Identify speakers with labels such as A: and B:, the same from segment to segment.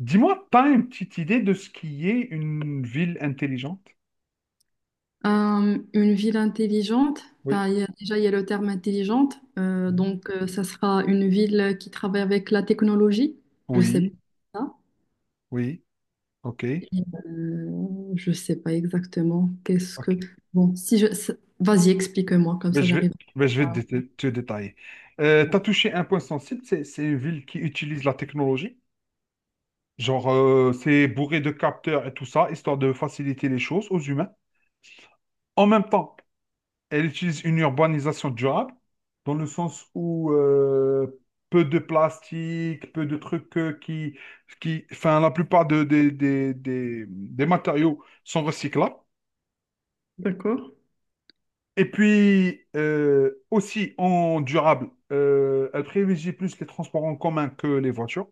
A: Dis-moi, pas une petite idée de ce qui est une ville intelligente?
B: Une ville intelligente,
A: Oui.
B: enfin, déjà il y a le terme intelligente,
A: Mhm.
B: ça sera une ville qui travaille avec la technologie, je sais pas
A: Oui,
B: ça,
A: oui, ok,
B: et, je sais pas exactement qu'est-ce
A: ok.
B: que... Bon, si je... Vas-y, explique-moi, comme ça j'arrive.
A: Ben, je vais te, dé- Te détailler. Tu as touché un point sensible, c'est une ville qui utilise la technologie. Genre, c'est bourré de capteurs et tout ça, histoire de faciliter les choses aux humains. En même temps, elle utilise une urbanisation durable, dans le sens où peu de plastique, peu de trucs enfin, la plupart de- des matériaux sont recyclables.
B: D'accord.
A: Et puis, aussi en durable, elle privilégie plus les transports en commun que les voitures,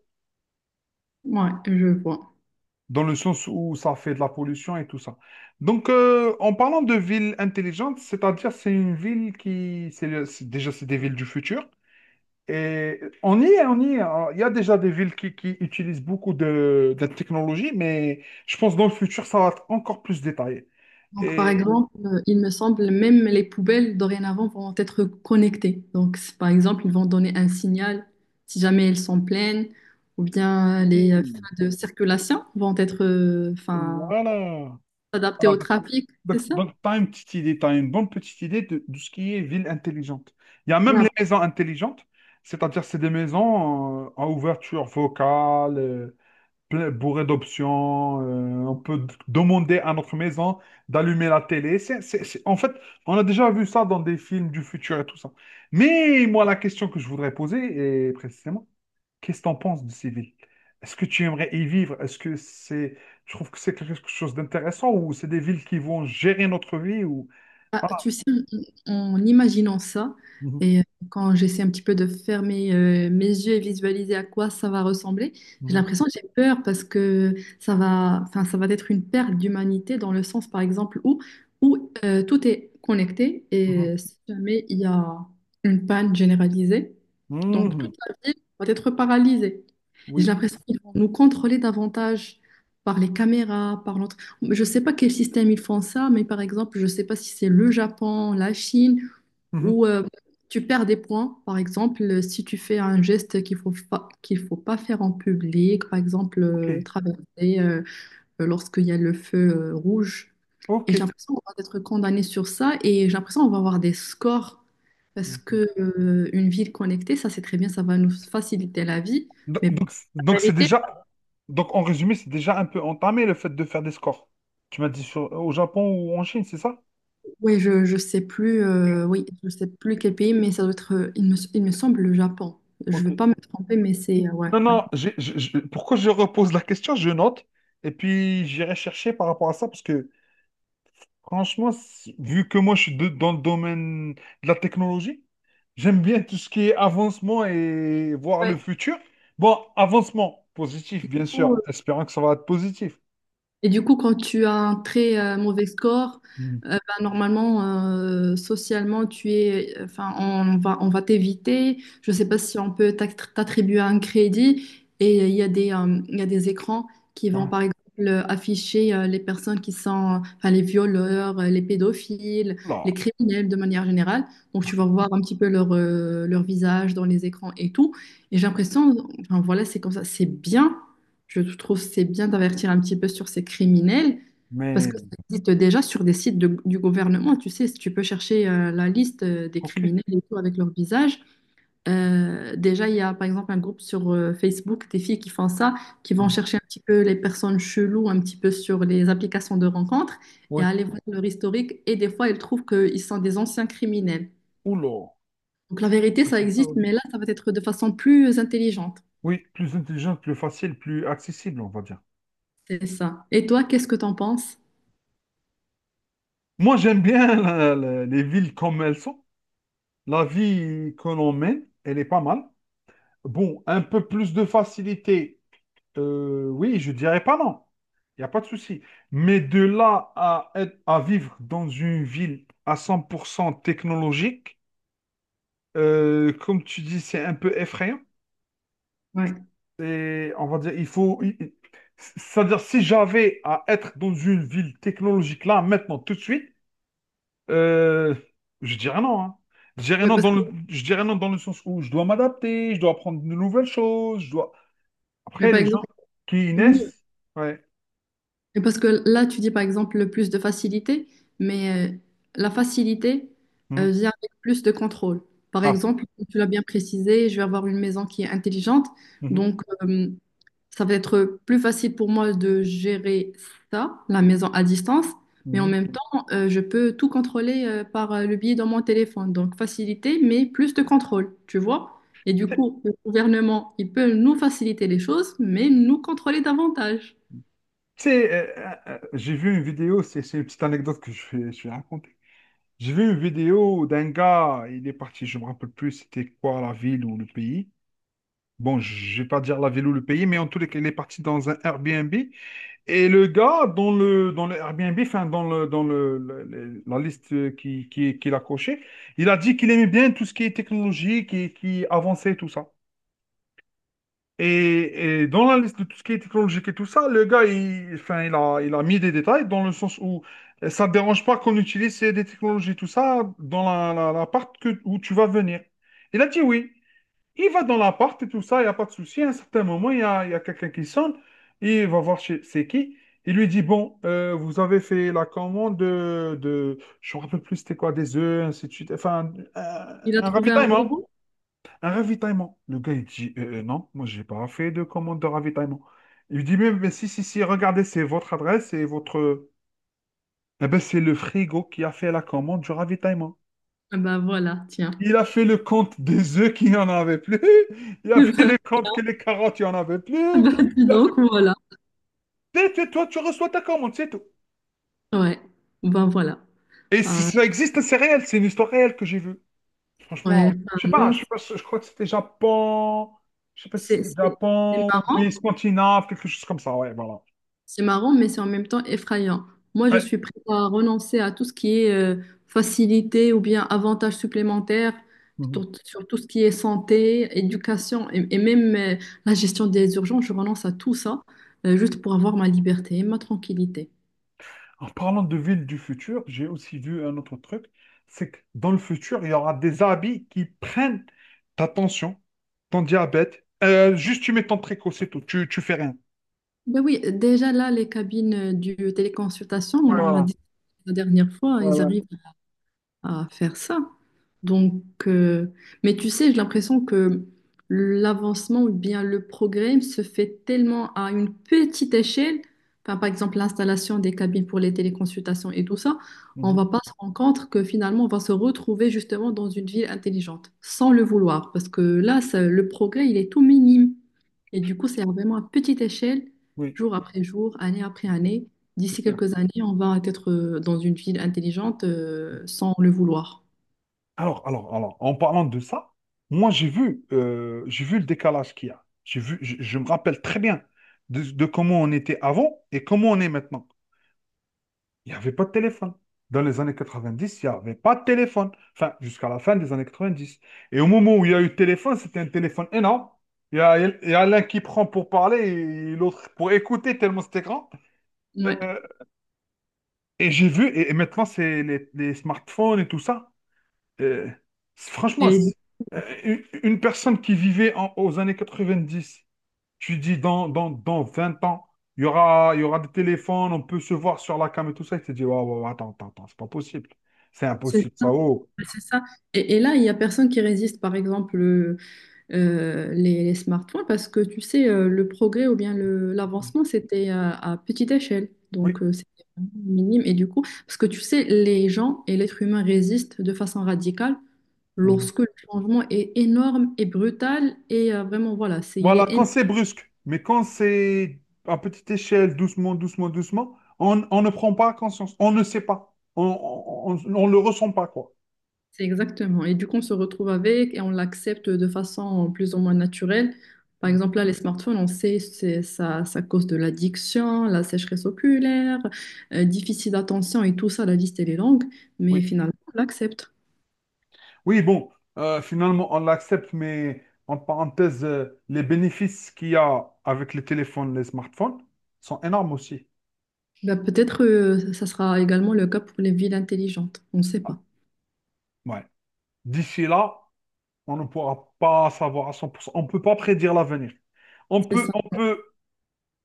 B: Ouais, je vois.
A: dans le sens où ça fait de la pollution et tout ça. Donc, en parlant de ville intelligente, c'est-à-dire c'est une ville qui, c'est le- c'est- déjà c'est des villes du futur. Et on y est. Alors, il y a déjà des villes qui utilisent beaucoup de technologie, mais je pense que dans le futur, ça va être encore plus détaillé.
B: Donc, par
A: Et
B: exemple, il me semble même les poubelles dorénavant vont être connectées. Donc, par exemple, ils vont donner un signal si jamais elles sont pleines, ou bien les
A: oui,
B: feux de circulation vont être, enfin,
A: voilà.
B: adaptés
A: Alors,
B: au trafic, c'est ça?
A: donc, tu as une petite idée, tu as une bonne petite idée de ce qui est ville intelligente. Il y a même les maisons intelligentes, c'est-à-dire c'est des maisons à ouverture vocale, bourré d'options. On peut demander à notre maison d'allumer la télé. En fait, on a déjà vu ça dans des films du futur et tout ça. Mais moi, la question que je voudrais poser est précisément, qu'est-ce que tu en penses de ces villes? Est-ce que tu aimerais y vivre? Est-ce que c'est, tu trouves que c'est quelque chose d'intéressant ou c'est des villes qui vont gérer notre vie ou
B: Ah,
A: ah,
B: tu sais, en en imaginant ça,
A: mhm,
B: et quand j'essaie un petit peu de fermer mes yeux et visualiser à quoi ça va ressembler, j'ai
A: mhm,
B: l'impression que j'ai peur parce que ça va, enfin, ça va être une perte d'humanité dans le sens, par exemple, où, où tout est connecté et si jamais il y a une panne généralisée,
A: mhm,
B: donc
A: mhm,
B: toute la ville va être paralysée. Et j'ai
A: oui,
B: l'impression qu'ils vont nous contrôler davantage par les caméras, par je ne sais pas quel système ils font ça, mais par exemple, je ne sais pas si c'est le Japon, la Chine,
A: mhm,
B: où tu perds des points, par exemple, si tu fais un geste qu'il faut pas faire en public, par exemple,
A: ok,
B: traverser lorsqu'il y a le feu rouge. Et
A: ok.
B: j'ai l'impression qu'on va être condamné sur ça et j'ai l'impression qu'on va avoir des scores parce
A: Donc,
B: que une ville connectée, ça c'est très bien, ça va nous faciliter la vie, mais la
A: donc c'est
B: vérité,
A: déjà donc, en résumé, c'est déjà un peu entamé le fait de faire des scores. Tu m'as dit au Japon ou en Chine, c'est ça?
B: oui, je sais plus,
A: Ok.
B: oui, je sais plus quel pays, mais ça doit être, il me semble, le Japon. Je ne vais
A: Ok.
B: pas me tromper, mais c'est, ouais,
A: Non,
B: ouais.
A: non, pourquoi je repose la question, je note, et puis j'irai chercher par rapport à ça, parce que franchement, vu que moi je suis dans le domaine de la technologie, j'aime bien tout ce qui est avancement et voir
B: Ouais.
A: le futur. Bon, avancement positif, bien sûr, espérant que ça va être positif.
B: Et du coup, quand tu as un très mauvais score,
A: Mm.
B: ben, normalement, socialement, tu es, enfin, on va t'éviter. Je ne sais pas si on peut t'attribuer un crédit. Et il y a des, il y a des écrans qui vont, par exemple, afficher les personnes qui sont, enfin, les violeurs, les pédophiles, les
A: Voilà.
B: criminels de manière générale. Donc, tu vas voir un petit peu leur, leur visage dans les écrans et tout. Et j'ai l'impression, enfin, voilà, c'est comme ça, c'est bien. Je trouve que c'est bien d'avertir un petit peu sur ces criminels parce que
A: Mais,
B: ça existe déjà sur des sites du gouvernement. Tu sais, si tu peux chercher la liste des
A: ok.
B: criminels et tout avec leur visage. Déjà, il y a par exemple un groupe sur Facebook des filles qui font ça, qui vont
A: Mm.
B: chercher un petit peu les personnes cheloues un petit peu sur les applications de rencontres et
A: Oui.
B: aller voir leur historique. Et des fois, elles trouvent qu'ils sont des anciens criminels.
A: Oula.
B: Donc la vérité, ça existe, mais là, ça va être de façon plus intelligente.
A: Oui, plus intelligente, plus facile, plus accessible, on va dire.
B: C'est ça. Et toi, qu'est-ce que t'en penses?
A: Moi, j'aime bien les villes comme elles sont. La vie que l'on mène, elle est pas mal. Bon, un peu plus de facilité, oui, je dirais pas non. Il n'y a pas de souci. Mais de là à, à vivre dans une ville à 100% technologique, comme tu dis, c'est un peu effrayant.
B: Ouais.
A: Et on va dire, il faut... C'est-à-dire, si j'avais à être dans une ville technologique là, maintenant, tout de suite, Euh, je dirais non, hein. Je dirais
B: Ouais,
A: non
B: parce
A: dans le, je dirais non dans le sens où je dois m'adapter, je dois apprendre de nouvelles choses, je dois...
B: Mais
A: Après,
B: par
A: les
B: exemple,
A: gens qui y
B: oui,
A: naissent... Ouais.
B: et parce que là, tu dis par exemple le plus de facilité, mais la facilité
A: Mhm.
B: vient avec plus de contrôle. Par
A: Ah.
B: exemple, comme tu l'as bien précisé, je vais avoir une maison qui est intelligente,
A: Mhm.
B: donc ça va être plus facile pour moi de gérer ça, la maison à distance, mais en
A: Mhm.
B: même temps, je peux tout contrôler par le biais de mon téléphone. Donc facilité, mais plus de contrôle, tu vois? Et du
A: Tu
B: coup, le gouvernement, il peut nous faciliter les choses, mais nous contrôler davantage.
A: sais, j'ai vu une vidéo, c'est une petite anecdote que je vais raconter. J'ai vu une vidéo d'un gars, il est parti, je me rappelle plus c'était quoi la ville ou le pays. Bon, je vais pas dire la ville ou le pays, mais en tous les cas, il est parti dans un Airbnb. Et le gars, dans le Airbnb, enfin, dans le- la liste qu'il a cochée, il a dit qu'il aimait bien tout ce qui est technologique et qui avançait et tout ça. Et dans la liste de tout ce qui est technologique et tout ça, le gars, enfin, il a mis des détails dans le sens où ça ne dérange pas qu'on utilise des technologies, tout ça, dans l'appart que, où tu vas venir. Il a dit oui. Il va dans l'appart et tout ça, il n'y a pas de souci. À un certain moment, il y a quelqu'un qui sonne. Il va voir c'est qui. Il lui dit, bon, vous avez fait la commande je ne me rappelle plus c'était quoi, des œufs, ainsi de suite. Enfin,
B: Il a
A: un
B: trouvé un
A: ravitaillement.
B: robot?
A: Un ravitaillement. Le gars, il dit, non, moi, j'ai pas fait de commande de ravitaillement. Il lui dit, mais si, si, si, regardez, c'est votre adresse et votre... Eh ben, c'est le frigo qui a fait la commande du ravitaillement.
B: Ah ben voilà, tiens.
A: Il a fait le compte des œufs qu'il n'y en avait plus. Il a
B: Eh ben,
A: fait le compte que
B: tiens.
A: les carottes, il n'y en avait plus.
B: Ben, dis
A: Il a fait,
B: donc, voilà.
A: Toi, tu reçois ta commande, c'est tout.
B: Ouais, ben voilà.
A: Et si
B: Ah,
A: ça existe, c'est réel, c'est une histoire réelle que j'ai vue.
B: ouais,
A: Franchement,
B: enfin, non,
A: je sais pas, si, je crois que c'était Japon, je sais pas si
B: c'est
A: c'était
B: c'est- c'est
A: Japon ou pays
B: marrant,
A: scandinave, quelque chose comme ça, ouais, voilà.
B: c'est marrant, mais c'est en même temps effrayant. Moi, je
A: Ouais.
B: suis prête à renoncer à tout ce qui est facilité ou bien avantage supplémentaire
A: Mhm.
B: sur, sur tout ce qui est santé, éducation et même la gestion des urgences. Je renonce à tout ça juste pour avoir ma liberté et ma tranquillité.
A: En parlant de villes du futur, j'ai aussi vu un autre truc, c'est que dans le futur, il y aura des habits qui prennent ta tension, ton diabète. Juste tu mets ton préco, c'est tout, tu fais rien.
B: Ben oui, déjà là, les cabines du téléconsultation,
A: Ouais,
B: on en a
A: voilà.
B: dit la dernière fois, ils
A: Voilà.
B: arrivent à faire ça. Donc, euh, mais tu sais, j'ai l'impression que l'avancement ou bien le progrès se fait tellement à une petite échelle. Enfin, par exemple, l'installation des cabines pour les téléconsultations et tout ça, on
A: Mhm.
B: va pas se rendre compte que finalement, on va se retrouver justement dans une ville intelligente, sans le vouloir, parce que là, le progrès, il est tout minime. Et du coup, c'est vraiment à petite échelle,
A: Oui,
B: jour après jour, année après année.
A: c'est
B: D'ici
A: clair.
B: quelques années, on va être dans une ville intelligente sans le vouloir.
A: Alors, en parlant de ça, moi j'ai vu le décalage qu'il y a. J'ai vu, je me rappelle très bien de comment on était avant et comment on est maintenant. Il n'y avait pas de téléphone. Dans les années 90, il n'y avait pas de téléphone. Enfin, jusqu'à la fin des années 90. Et au moment où il y a eu le téléphone, c'était un téléphone énorme. Il y a l'un qui prend pour parler et l'autre pour écouter, tellement c'était grand.
B: Ouais.
A: Euh, et j'ai vu, et maintenant, c'est les smartphones et tout ça. Euh, Franchement,
B: Et
A: euh, une une personne qui vivait aux années 90, tu dis dans 20 ans, il y aura des téléphones, on peut se voir sur la cam et tout ça. Il Tu te dis, ouais, ouais, ouais, attends, attends, attends, c'est pas possible. C'est
B: c'est
A: impossible,
B: ça.
A: ça. Oh.
B: Ouais, c'est ça. Et là, il n'y a personne qui résiste, par exemple, les smartphones, parce que tu sais, le progrès ou bien l'avancement, c'était à petite échelle.
A: Oui.
B: Donc, c'était vraiment minime. Et du coup, parce que tu sais, les gens et l'être humain résistent de façon radicale
A: Mhm.
B: lorsque le changement est énorme et brutal. Et vraiment, voilà, c'est, il
A: Voilà,
B: est
A: quand
B: énorme.
A: c'est brusque, mais quand c'est à petite échelle, doucement, doucement, doucement, on ne prend pas conscience, on ne sait pas, on ne le ressent pas, quoi.
B: C'est exactement. Et du coup, on se retrouve avec et on l'accepte de façon plus ou moins naturelle. Par
A: Mm.
B: exemple, là, les smartphones, on sait c'est ça, ça cause de l'addiction, la sécheresse oculaire, déficit d'attention et tout ça, la liste, elle est longue, mais
A: Oui,
B: finalement, on l'accepte.
A: oui, bon, finalement, on l'accepte, mais en parenthèse, les bénéfices qu'il y a avec les téléphones, les smartphones sont énormes aussi.
B: Bah, peut-être ça sera également le cas pour les villes intelligentes. On ne sait pas.
A: Ouais. D'ici là, on ne pourra pas savoir à 100%. On ne peut pas prédire l'avenir.
B: C'est ça.
A: On peut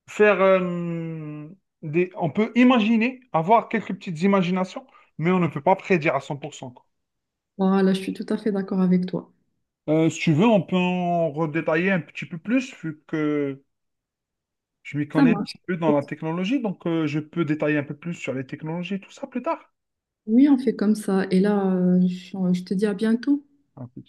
A: faire on peut imaginer, avoir quelques petites imaginations, mais on ne peut pas prédire à 100% quoi.
B: Voilà, je suis tout à fait d'accord avec toi.
A: Si tu veux, on peut en redétailler un petit peu plus, vu que je m'y
B: Ça
A: connais un
B: marche.
A: petit peu dans la technologie, donc je peux détailler un peu plus sur les technologies, tout ça plus tard.
B: Oui, on fait comme ça. Et là, je te dis à bientôt.
A: Un peu.